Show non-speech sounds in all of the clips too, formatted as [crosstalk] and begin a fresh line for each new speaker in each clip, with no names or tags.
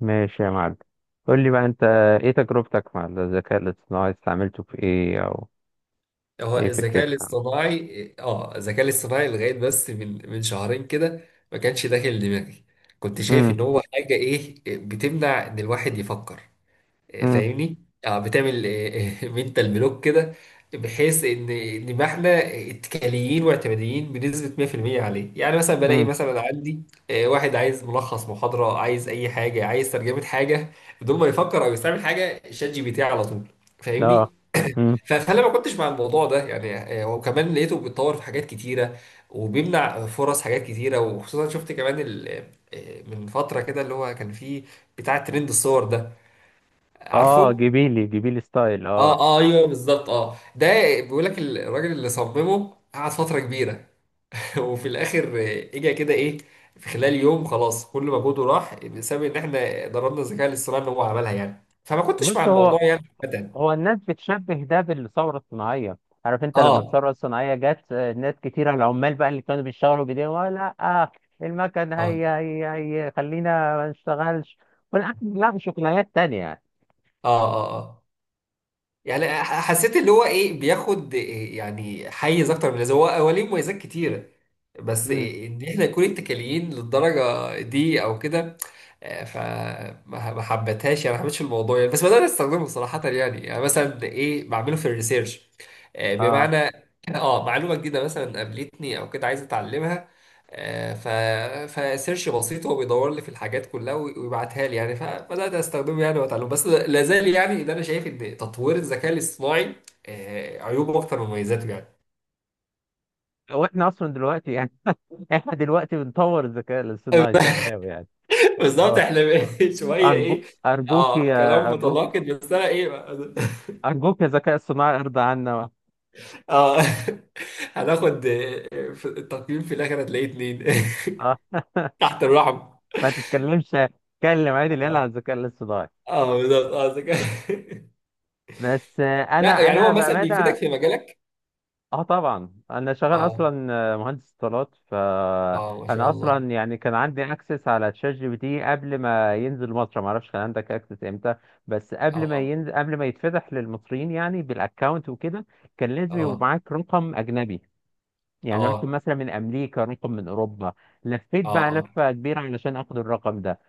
ماشي يا معلم. قول لي بقى انت، ايه تجربتك مع الذكاء الاصطناعي؟ استعملته في ايه، او
هو
ايه
الذكاء
فكرتك عنه؟
الاصطناعي الذكاء الاصطناعي لغايه بس من شهرين كده. ما كانش داخل دماغي، كنت شايف
امم.
ان هو حاجه ايه بتمنع ان الواحد يفكر.
امم.
فاهمني. اه بتعمل منتال بلوك [laughs] كده، بحيث ان ما احنا اتكاليين واعتماديين بنسبه 100% عليه. يعني مثلا بلاقي
امم.
مثلا عندي واحد عايز ملخص محاضره، عايز اي حاجه، عايز ترجمه حاجه، بدون ما يفكر او يستعمل حاجه، شات جي بي تي على طول،
اه.
فاهمني.
امم.
فانا ما كنتش مع الموضوع ده يعني. وكمان لقيته بيتطور في حاجات كتيره وبيمنع فرص حاجات كتيره، وخصوصا شفت كمان من فتره كده اللي هو كان فيه بتاع ترند الصور ده،
اه.
عارفه.
جبيلي جبيلي ستايل،
اه،
اه.
اه، ايوه، بالظبط. اه ده بيقول لك الراجل اللي صممه قعد فتره كبيره [laughs] وفي الاخر اجى كده ايه في خلال يوم، خلاص كل مجهوده راح بسبب ان احنا ضربنا الذكاء الاصطناعي ان هو عملها يعني. فما كنتش مع
بص، هو
الموضوع يعني ابدا.
هو الناس بتشبه ده بالثوره الصناعيه. عارف انت لما
اه.
الثوره الصناعيه جت، ناس كتيره، العمال بقى اللي كانوا بيشتغلوا بايديهم، لا، آه، المكن
اه.
هي خلينا ما نشتغلش، والأكل، لا شغلانات تانية يعني."
اه. اه. آه. يعني حسيت اللي هو ايه بياخد إيه يعني حيز اكتر من اللازم. هو ليه مميزات كتيره، بس
امم.
إيه ان احنا نكون اتكاليين للدرجه دي او كده. آه، فما ما حبتهاش يعني، ما حبيتش الموضوع يعني. بس بدأت استخدمه صراحه، يعني مثلا ايه بعمله في الريسيرش.
اه.
بمعنى اه معلومه جديده مثلا قابلتني او كده، عايز اتعلمها. آه، ف فسيرش بسيط هو بيدور لي في الحاجات كلها ويبعتها لي يعني. فبدات استخدمه يعني واتعلم، بس لا زال يعني اللي انا شايف ان تطوير الذكاء الاصطناعي عيوبه اكتر من مميزاته يعني.
واحنا اصلا دلوقتي يعني، احنا دلوقتي بنطور الذكاء الاصطناعي
[laughs]
سامهاوي يعني.
بالظبط،
اه.
احنا [laughs] شويه
ارجو
ايه.
ارجوك
اه،
يا
كلام متناقض، بس انا ايه بقى؟ [laughs]
ارجوك يا ذكاء اصطناعي ارضى عنا.
اه. [laughs] هناخد في التقييم في الاخر هتلاقيه اتنين
اه.
[laughs]
[laughs]
تحت الرحم.
ما تتكلمش، اتكلم عادي العيال على
اه
الذكاء الاصطناعي.
بالظبط. اه ذكاء [laughs]
بس
لا،
انا
يعني هو
انا
مثلا بيفيدك
بامانه،
في مجالك.
اه طبعا انا شغال
اه.
اصلا مهندس اتصالات.
اه، ما شاء
فانا
الله.
اصلا يعني كان عندي اكسس على تشات جي بي تي قبل ما ينزل مصر. ما اعرفش كان عندك اكسس امتى؟ بس قبل ما
اه.
ينزل، قبل ما يتفتح للمصريين يعني بالاكونت وكده، كان لازم يبقى
اه.
معاك رقم اجنبي، يعني رقم
اه.
مثلا من امريكا، رقم من اوروبا. لفيت بقى
اه. اه.
لفه كبيره علشان اخد الرقم ده.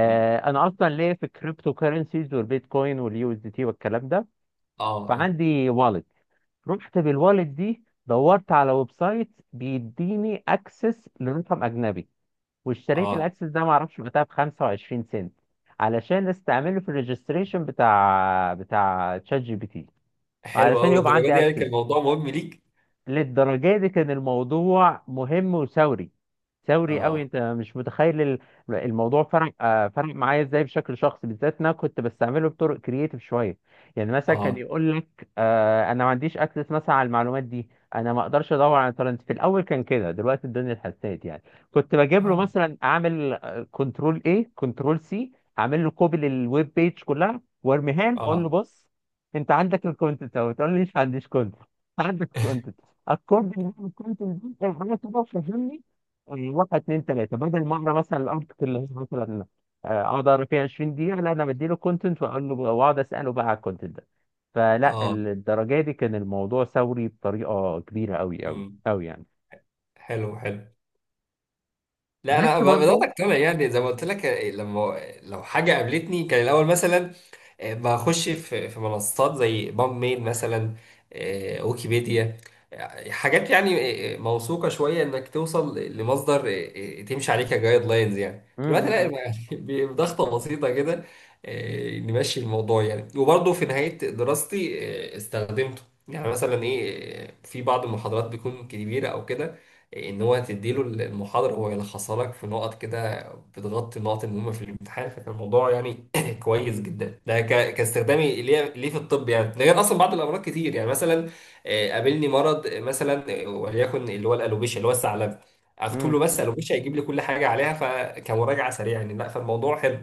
مم.
انا اصلا ليا في الكريبتو كارنسيز والبيتكوين واليو اس دي تي والكلام ده،
اه. اه.
فعندي والت. رحت بالوالت دي، دورت على ويب سايت بيديني اكسس لرقم اجنبي، واشتريت
اه.
الاكسس ده، معرفش وقتها، ب 25 سنت، علشان استعمله في الريجستريشن بتاع تشات جي بي تي،
حلو
علشان
قوي،
يبقى
للدرجه دي
عندي
يعني كان
اكسس.
الموضوع مهم ليك؟
للدرجة دي كان الموضوع مهم وثوري. ثوري قوي.
اه.
انت مش متخيل الموضوع فرق فرق معايا ازاي بشكل شخصي، بالذات ان انا كنت بستعمله بطرق كرييتيف شويه. يعني مثلا كان
اه.
يقول لك انا ما عنديش اكسس مثلا على المعلومات دي، انا ما اقدرش ادور على ترند. في الاول كان كده، دلوقتي الدنيا اتحسنت يعني. كنت بجيب له
اه.
مثلا، اعمل كنترول ايه، كنترول سي، اعمل له كوبي للويب بيج كلها وارميها له، اقول له
اه.
بص انت عندك الكونتنت اهو، تقول لي مش عنديش كونتنت؟ عندك. اكورد ان انا كنت نزلت انا كده فهمني، واحد اتنين تلاته، بدل ما اقرا مثلا الارتكل اللي هي مثلا اقعد اقرا فيها 20 دقيقه، لا انا بديله كونتنت واقول له، واقعد اساله بقى على الكونتنت ده. فلا،
اه.
الدرجه دي كان الموضوع ثوري بطريقه كبيره قوي قوي
مم.
قوي يعني.
حلو حلو. لا لا،
بس
بدات
برضو.
اقتنع يعني. زي ما قلت لك، لما لو حاجه قابلتني كان الاول مثلا بخش في منصات زي بام ميل مثلا، ويكيبيديا، حاجات يعني موثوقه شويه، انك توصل لمصدر تمشي عليه كجايد لاينز يعني. دلوقتي
مم.
لا،
مم.
يعني [laughs] بضغطه بسيطه كده نمشي الموضوع يعني. وبرضه في نهايه دراستي استخدمته. يعني مثلا ايه في بعض المحاضرات بتكون كبيره او كده، ان هو تديله المحاضره هو يلخصها لك في نقط كده بتغطي النقط المهمه في الامتحان. فكان الموضوع يعني [clears throat] كويس جدا ده، كاستخدامي ليه في الطب يعني. ده غير اصلا بعض الامراض كتير يعني. مثلا قابلني مرض مثلا وليكن اللي هو الالوبيشيا، اللي هو الثعلب. اكتب
مم.
له بس الوبيشيا يجيب لي كل حاجه عليها، فكمراجعه سريعه يعني. لا، فالموضوع حلو.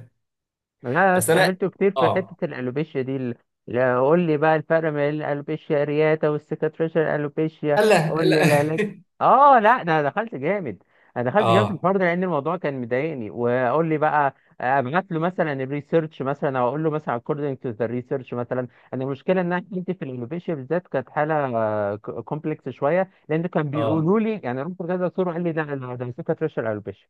انا
بس انا.
استعملته كتير في
اه
حته الالوبيشيا دي لا، قول لي بقى الفرق بين الالوبيشيا رياتا والسكاتريشن الالوبيشيا،
لا
قول لي
لا.
العلاج. اه لا، ده انا دخلت جامد. انا
[laughs]
دخلت جامد في
اه.
الحوار ده، لان الموضوع كان مضايقني. وقول لي بقى ابعت له مثلا الريسيرش، مثلا او اقول له مثلا according to the research مثلا. انا المشكله ان انا كنت في الالوبيشيا بالذات، كانت حاله كومبلكس شويه، لان كان
اه.
بيقولوا لي يعني، رحت لكذا دكتور وقال لي ده ده سكاتريشن الالوبيشيا.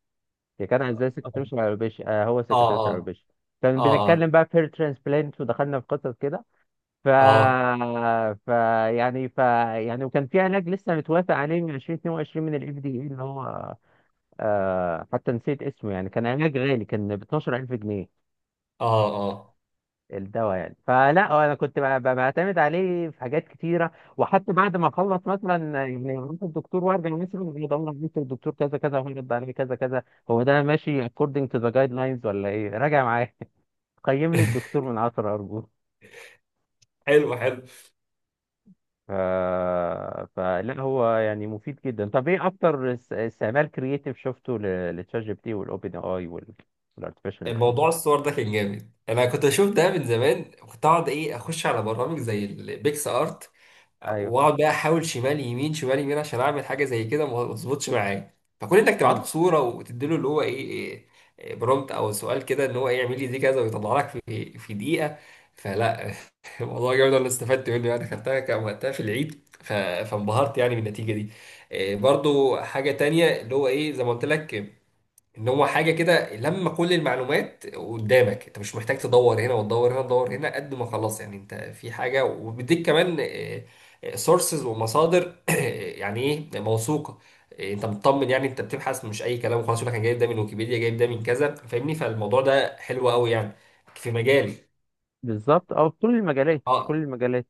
هي كان ازاي سكرتير شعوبيش، آه هو
اه.
سكرتير
اه.
شعوبيش. كان بنتكلم
اه.
بقى في ترانسبلانت ودخلنا في قصص كده. ف
اه.
ف يعني، يعني، وكان في علاج لسه متوافق عليه من 2022 من الاف دي اي اللي هو، آه، حتى نسيت اسمه يعني. كان علاج غالي، كان ب 12000 جنيه
اه. اه. اه.
الدواء يعني. فلا انا كنت بعتمد عليه في حاجات كتيره، وحتى بعد ما اخلص مثلا، يعني اروح الدكتور وارجع مثلا، يدور على الدكتور كذا كذا، هو رد عليه كذا كذا، هو ده ماشي according to the guidelines ولا ايه، راجع معايا. [laughs] قيم لي الدكتور من 10 ارجوك.
[laughs] حلو حلو.
ف... فلا هو يعني مفيد جدا. طب ايه اكتر استعمال كرييتيف شفته لتشات جي بي تي والاوبن اي والارتفيشال
موضوع
انتليجنس؟
الصور ده كان جامد، انا كنت اشوف ده من زمان، كنت اقعد ايه اخش على برامج زي البيكس ارت
ايوه.
واقعد بقى احاول شمال يمين شمال يمين عشان اعمل حاجه زي كده، ما ما تظبطش معايا. فكون انك تبعت
مم.
له صوره وتديله اللي هو ايه, إيه إيه برومبت او سؤال كده ان هو ايه يعمل لي دي كذا ويطلع لك في دقيقه. فلا [laughs] الموضوع جامد، انا استفدت منه يعني. خدتها كان وقتها في العيد فانبهرت يعني بالنتيجه دي. إيه برضو حاجه تانية، اللي هو ايه زي ما قلت لك، ان هو حاجه كده، لما كل المعلومات قدامك انت مش محتاج تدور هنا وتدور هنا وتدور هنا قد ما خلاص يعني، انت في حاجه وبيديك كمان سورسز ومصادر [coughs] [clears throat] يعني ايه موثوقه، انت مطمن يعني انت بتبحث مش اي كلام، خلاص يقول لك انا جايب ده من ويكيبيديا، جايب ده من كذا، فاهمني. فالموضوع ده حلو قوي يعني في مجالي.
بالظبط، اه، في كل المجالات،
اه.
كل المجالات.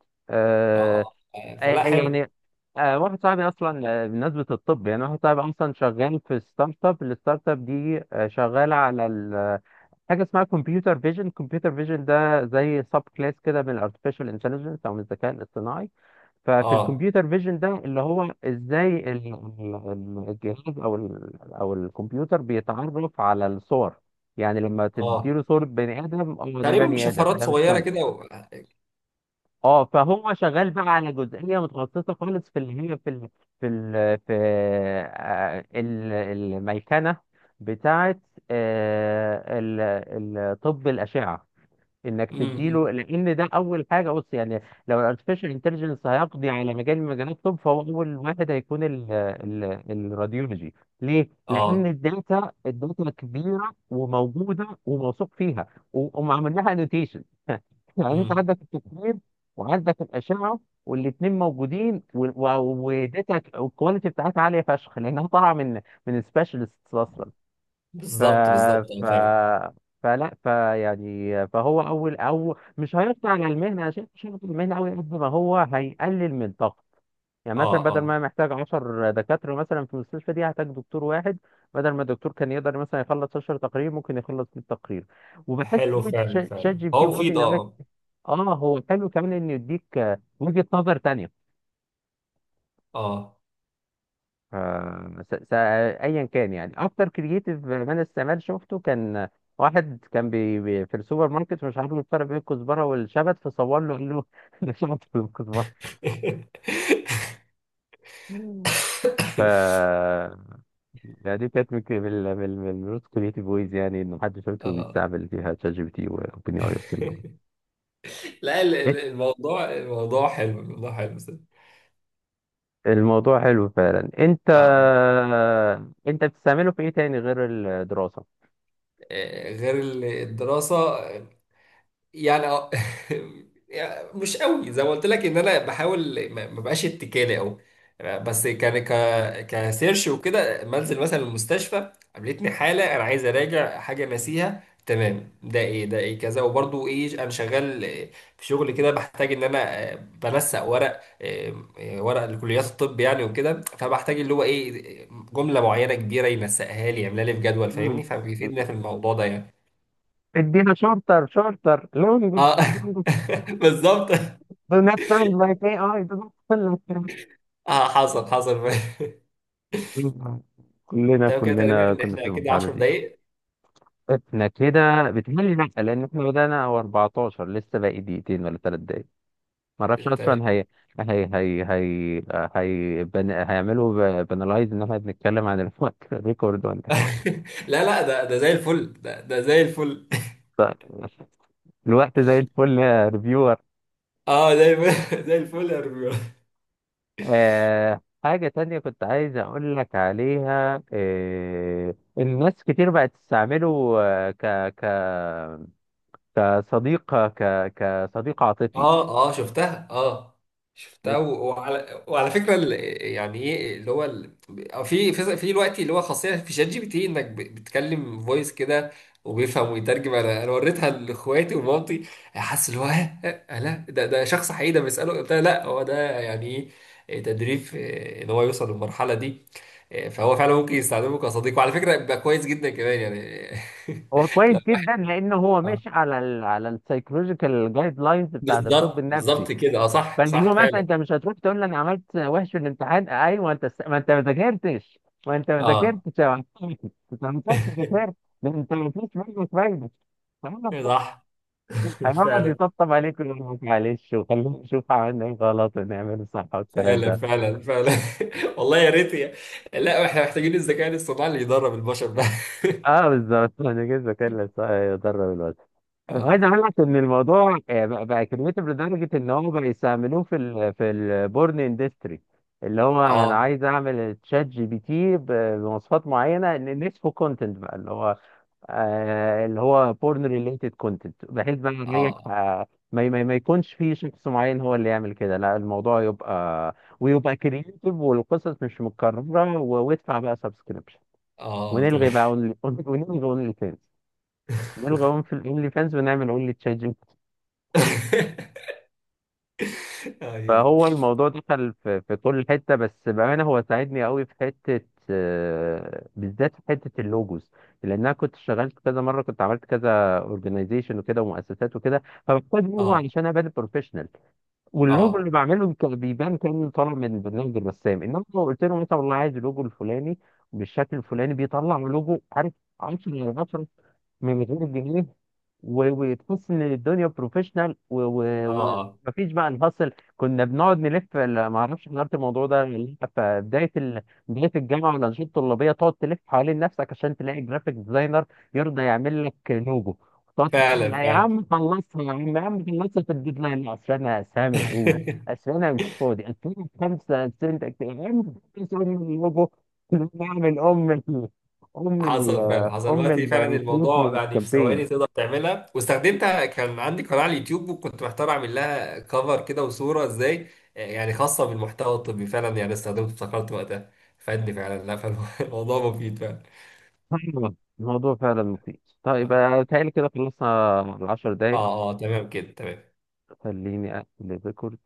اه.
آه.
اه.
آه.
فلا
آه،
حلو.
يعني، واحد صاحبي اصلا، بمناسبه الطب يعني، واحد صاحبي اصلا شغال في ستارت اب، الستارت اب دي شغاله على حاجه اسمها كمبيوتر فيجن. كمبيوتر فيجن ده زي سب كلاس كده من الارتفيشال انتليجنس، او من الذكاء الاصطناعي. ففي
اه.
الكمبيوتر فيجن ده اللي هو ازاي الجهاز او الكمبيوتر بيتعرف على الصور، يعني لما
اه.
تديله صورة بني آدم، اه ده
تقريبا
بني آدم،
بشفرات
ده مش
صغيره
كلب.
كده و... آه،
اه. فهو شغال بقى على جزئيه متخصصه خالص في اللي هي في الميكنه بتاعه آه، ال- طب الاشعه. انك
م-
تديله،
م.
لان ده اول حاجه، بص يعني، لو الارتفيشال انتليجنس هيقضي على مجال من مجالات الطب، فهو اول واحد هيكون ال ال الراديولوجي. ليه؟ لان
اه.
الداتا، الداتا كبيره وموجوده وموثوق فيها، وهم عملناها انوتيشن. [laughs] يعني انت
م.
عندك التصوير وعندك الاشعه، والاثنين موجودين، وداتا الكواليتي بتاعتها عاليه فشخ، لانها طالعه من من سبيشالست اصلا. ف
بالظبط بالظبط،
ف
فعلا.
فلا فهو اول، او مش هيقطع على المهنه، عشان مش هيقطع المهنه قوي قد ما هو هيقلل من طاقته. يعني مثلا
اه.
بدل
اه.
ما محتاج 10 دكاتره مثلا في المستشفى دي، هحتاج دكتور واحد. بدل ما الدكتور كان يقدر مثلا يخلص 10 تقارير، ممكن يخلص 100 تقرير. وبحس
حلو
قوي
فعلا،
شات
فعلا
جي بي تي
هو مفيد.
واوبن اي،
اه.
اه هو حلو كمان انه يديك وجهه نظر تانيه.
اه.
ف- ايا كان، يعني اكتر كرييتيف مان استعمال شفته كان واحد كان بي بي في السوبر ماركت، مش عارف الفرق بين الكزبره والشبت، فصور له قال له [laughs] ده شبت ولا كزبره.
[laughs]
ف يعني دي كانت من الروت كرييتيف ويز، يعني انه محدش شفته
اه.
بيستعمل فيها شات جي بي تي واوبن
لا،
اي.
الموضوع حلو، الموضوع حلو صدق.
الموضوع حلو فعلا. انت،
اه
انت بتستعمله في ايه تاني غير الدراسه؟
غير الدراسة يعني. اه [laughs] يعني مش قوي، زي ما قلت لك ان انا بحاول ما بقاش اتكالي او. بس كان كسيرش وكده، منزل مثلا المستشفى قابلتني حاله انا عايز اراجع حاجه ناسيها، تمام ده ايه، ده ايه كذا. وبرضو ايه انا شغال في شغل كده بحتاج ان انا بنسق ورق، ورق لكليات الطب يعني وكده. فبحتاج اللي هو ايه جمله معينه كبيره ينسقها لي، يعملها لي في جدول،
مم.
فاهمني. فبيفيدنا في الموضوع ده يعني.
ادينا شورتر، شورتر، لونج،
اه
لونج،
[laughs] بالظبط.
do not sound like AI, do not sound like
اه، حصل حصل [laughs]
AI. كلنا،
تمام كده
كلنا
تقريبا،
كنا في
احنا كده
المرحلة
10
دي.
دقايق.
احنا كده بتهيألي، لأ، لأن احنا بدأنا هو 14، لسه باقي دقيقتين ولا تلات دقايق. معرفش
تمام.
أصلا. هي هي هي هي هيعملوا بنلايز إن احنا بنتكلم عن الوقت [laughs] ريكورد، ولا
[laughs]
إيه؟
لا لا، ده زي الفل، ده زي الفل.
طيب. الوقت زي الفل يا ريفيو.
[laughs] اه، زي الفل [laughs] زي الفل يا رجولة.
آه، حاجة تانية كنت عايز أقول لك عليها، آه، الناس كتير بقت تستعمله آه، ك ك كصديق، كصديق عاطفي.
اه. اه، شفتها. اه، شفتها. و- وعلى فكره يعني ايه اللي هو أو في دلوقتي اللي هو خاصيه في شات جي بي تي، انك بتكلم فويس كده وبيفهم ويترجم. انا وريتها لاخواتي ومامتي، حاسس اللي هو لا ده، شخص حقيقي ده بيساله. قلت لها لا، هو ده يعني ايه تدريب ان هو يوصل للمرحله دي. فهو فعلا ممكن يستخدمه كصديق، وعلى فكره بيبقى كويس جدا كمان يعني
هو
[laughs]
كويس
لا.
جدا، لأنه هو
آه.
ماشي على ال على السايكولوجيكال جايد لاينز بتاعت الطب
بالظبط
النفسي.
بالظبط كده. اه صح
فاللي
صح
هو مثلا،
فعلا.
أنت مش هتروح تقول لي أنا عملت وحش في الامتحان، أيوه أنت، ما أنت ما ذاكرتش، ما أنت ما
اه
ذاكرتش يا معلم. [laughs] أنت ما كنتش ذاكرت،
[laughs]
ده أنت ما فيش منك فايدة.
صح.
هيقعد
فعلا
يطبطب عليك، ويقول لك معلش وخلينا نشوف عملنا ايه غلط ونعمله صح، والكلام
فعلا
ده.
فعلا فعلا [laughs] والله يا ريت يا. لا، احنا محتاجين الذكاء الاصطناعي اللي يدرب البشر ده [laughs]
اه بالظبط. [laughs] انا جيت بكلم صح يضرب الواد. انا عايز
اه.
اقول لك ان الموضوع بقى كريتيف، لدرجه ان هو بقى يستعملوه في ال في البورن اندستري. اللي هو انا
اه.
عايز اعمل تشات جي بي تي بمواصفات معينه، ان نسفه كونتنت بقى، اللي هو اللي هو بورن ريليتد كونتنت، بحيث بقى نريح
اه.
ما يكونش في شخص معين هو اللي يعمل كده، لا الموضوع يبقى ويبقى كرييتيف والقصص مش متكررة، وادفع بقى سبسكريبشن،
اه، تمام
ونلغي بقى [laughs] ونلغي اونلي فانز، نلغي اونلي فانز ونعمل اونلي تشات.
[laughs] اه.
فهو الموضوع دخل في، في كل حتة. بس بأمانة هو ساعدني قوي في حتة، بالذات في حتة اللوجوز، لأن أنا كنت اشتغلت كذا مرة، كنت عملت كذا اورجنايزيشن وكده ومؤسسات وكده، فبحتاج لوجو
اه.
علشان أبان بروفيشنال. واللوجو اللي
اه.
بعمله كان بيبان كأنه طالع من برنامج الرسام، إنما لو قلت له مثلا والله عايز اللوجو الفلاني بالشكل الفلاني، بيطلع لوجو، عارف، 10 على 10، من غير الجنيه، و- وتحس ان الدنيا بروفيشنال،
اه.
ومفيش بقى الهصل. كنا بنقعد نلف ما اعرفش حضرت الموضوع ده ولا لأ، في بدايه بدايه الجامعه والانشطه الطلابيه، تقعد تلف حوالين نفسك عشان تلاقي جرافيك ديزاينر يرضى يعمل لك لوجو. تقعد تتحايل
فعلا
عليه، يا
فعلا
عم خلصها يا عم، يا عم خلصها في الديدلاين، لا، اصل انا، اصل انا مشغول،
[laughs]
اصل انا مش فاضي، اصل انا خمسه سنت. يا عم خلص ام اللوجو. [laughs] نعمل ام ال ام ال
حصل فعلا، حصل
ام
دلوقتي فعلا. الموضوع
الريكروتمنت
يعني في ثواني
كامبين.
تقدر تعملها، واستخدمتها. كان عندي قناة على اليوتيوب وكنت محتار اعمل لها كفر كده وصورة ازاي، يعني خاصة بالمحتوى الطبي، فعلا يعني استخدمته افتكرت وقتها فادني فعلا. لا، فالموضوع [laughs] مفيد فعلا.
أيوة، الموضوع فعلا مفيد. طيب،
اه.
بيتهيألي كده خلصنا العشر
اه.
دقايق.
تمام كده، تمام.
خليني أقفل الريكورد.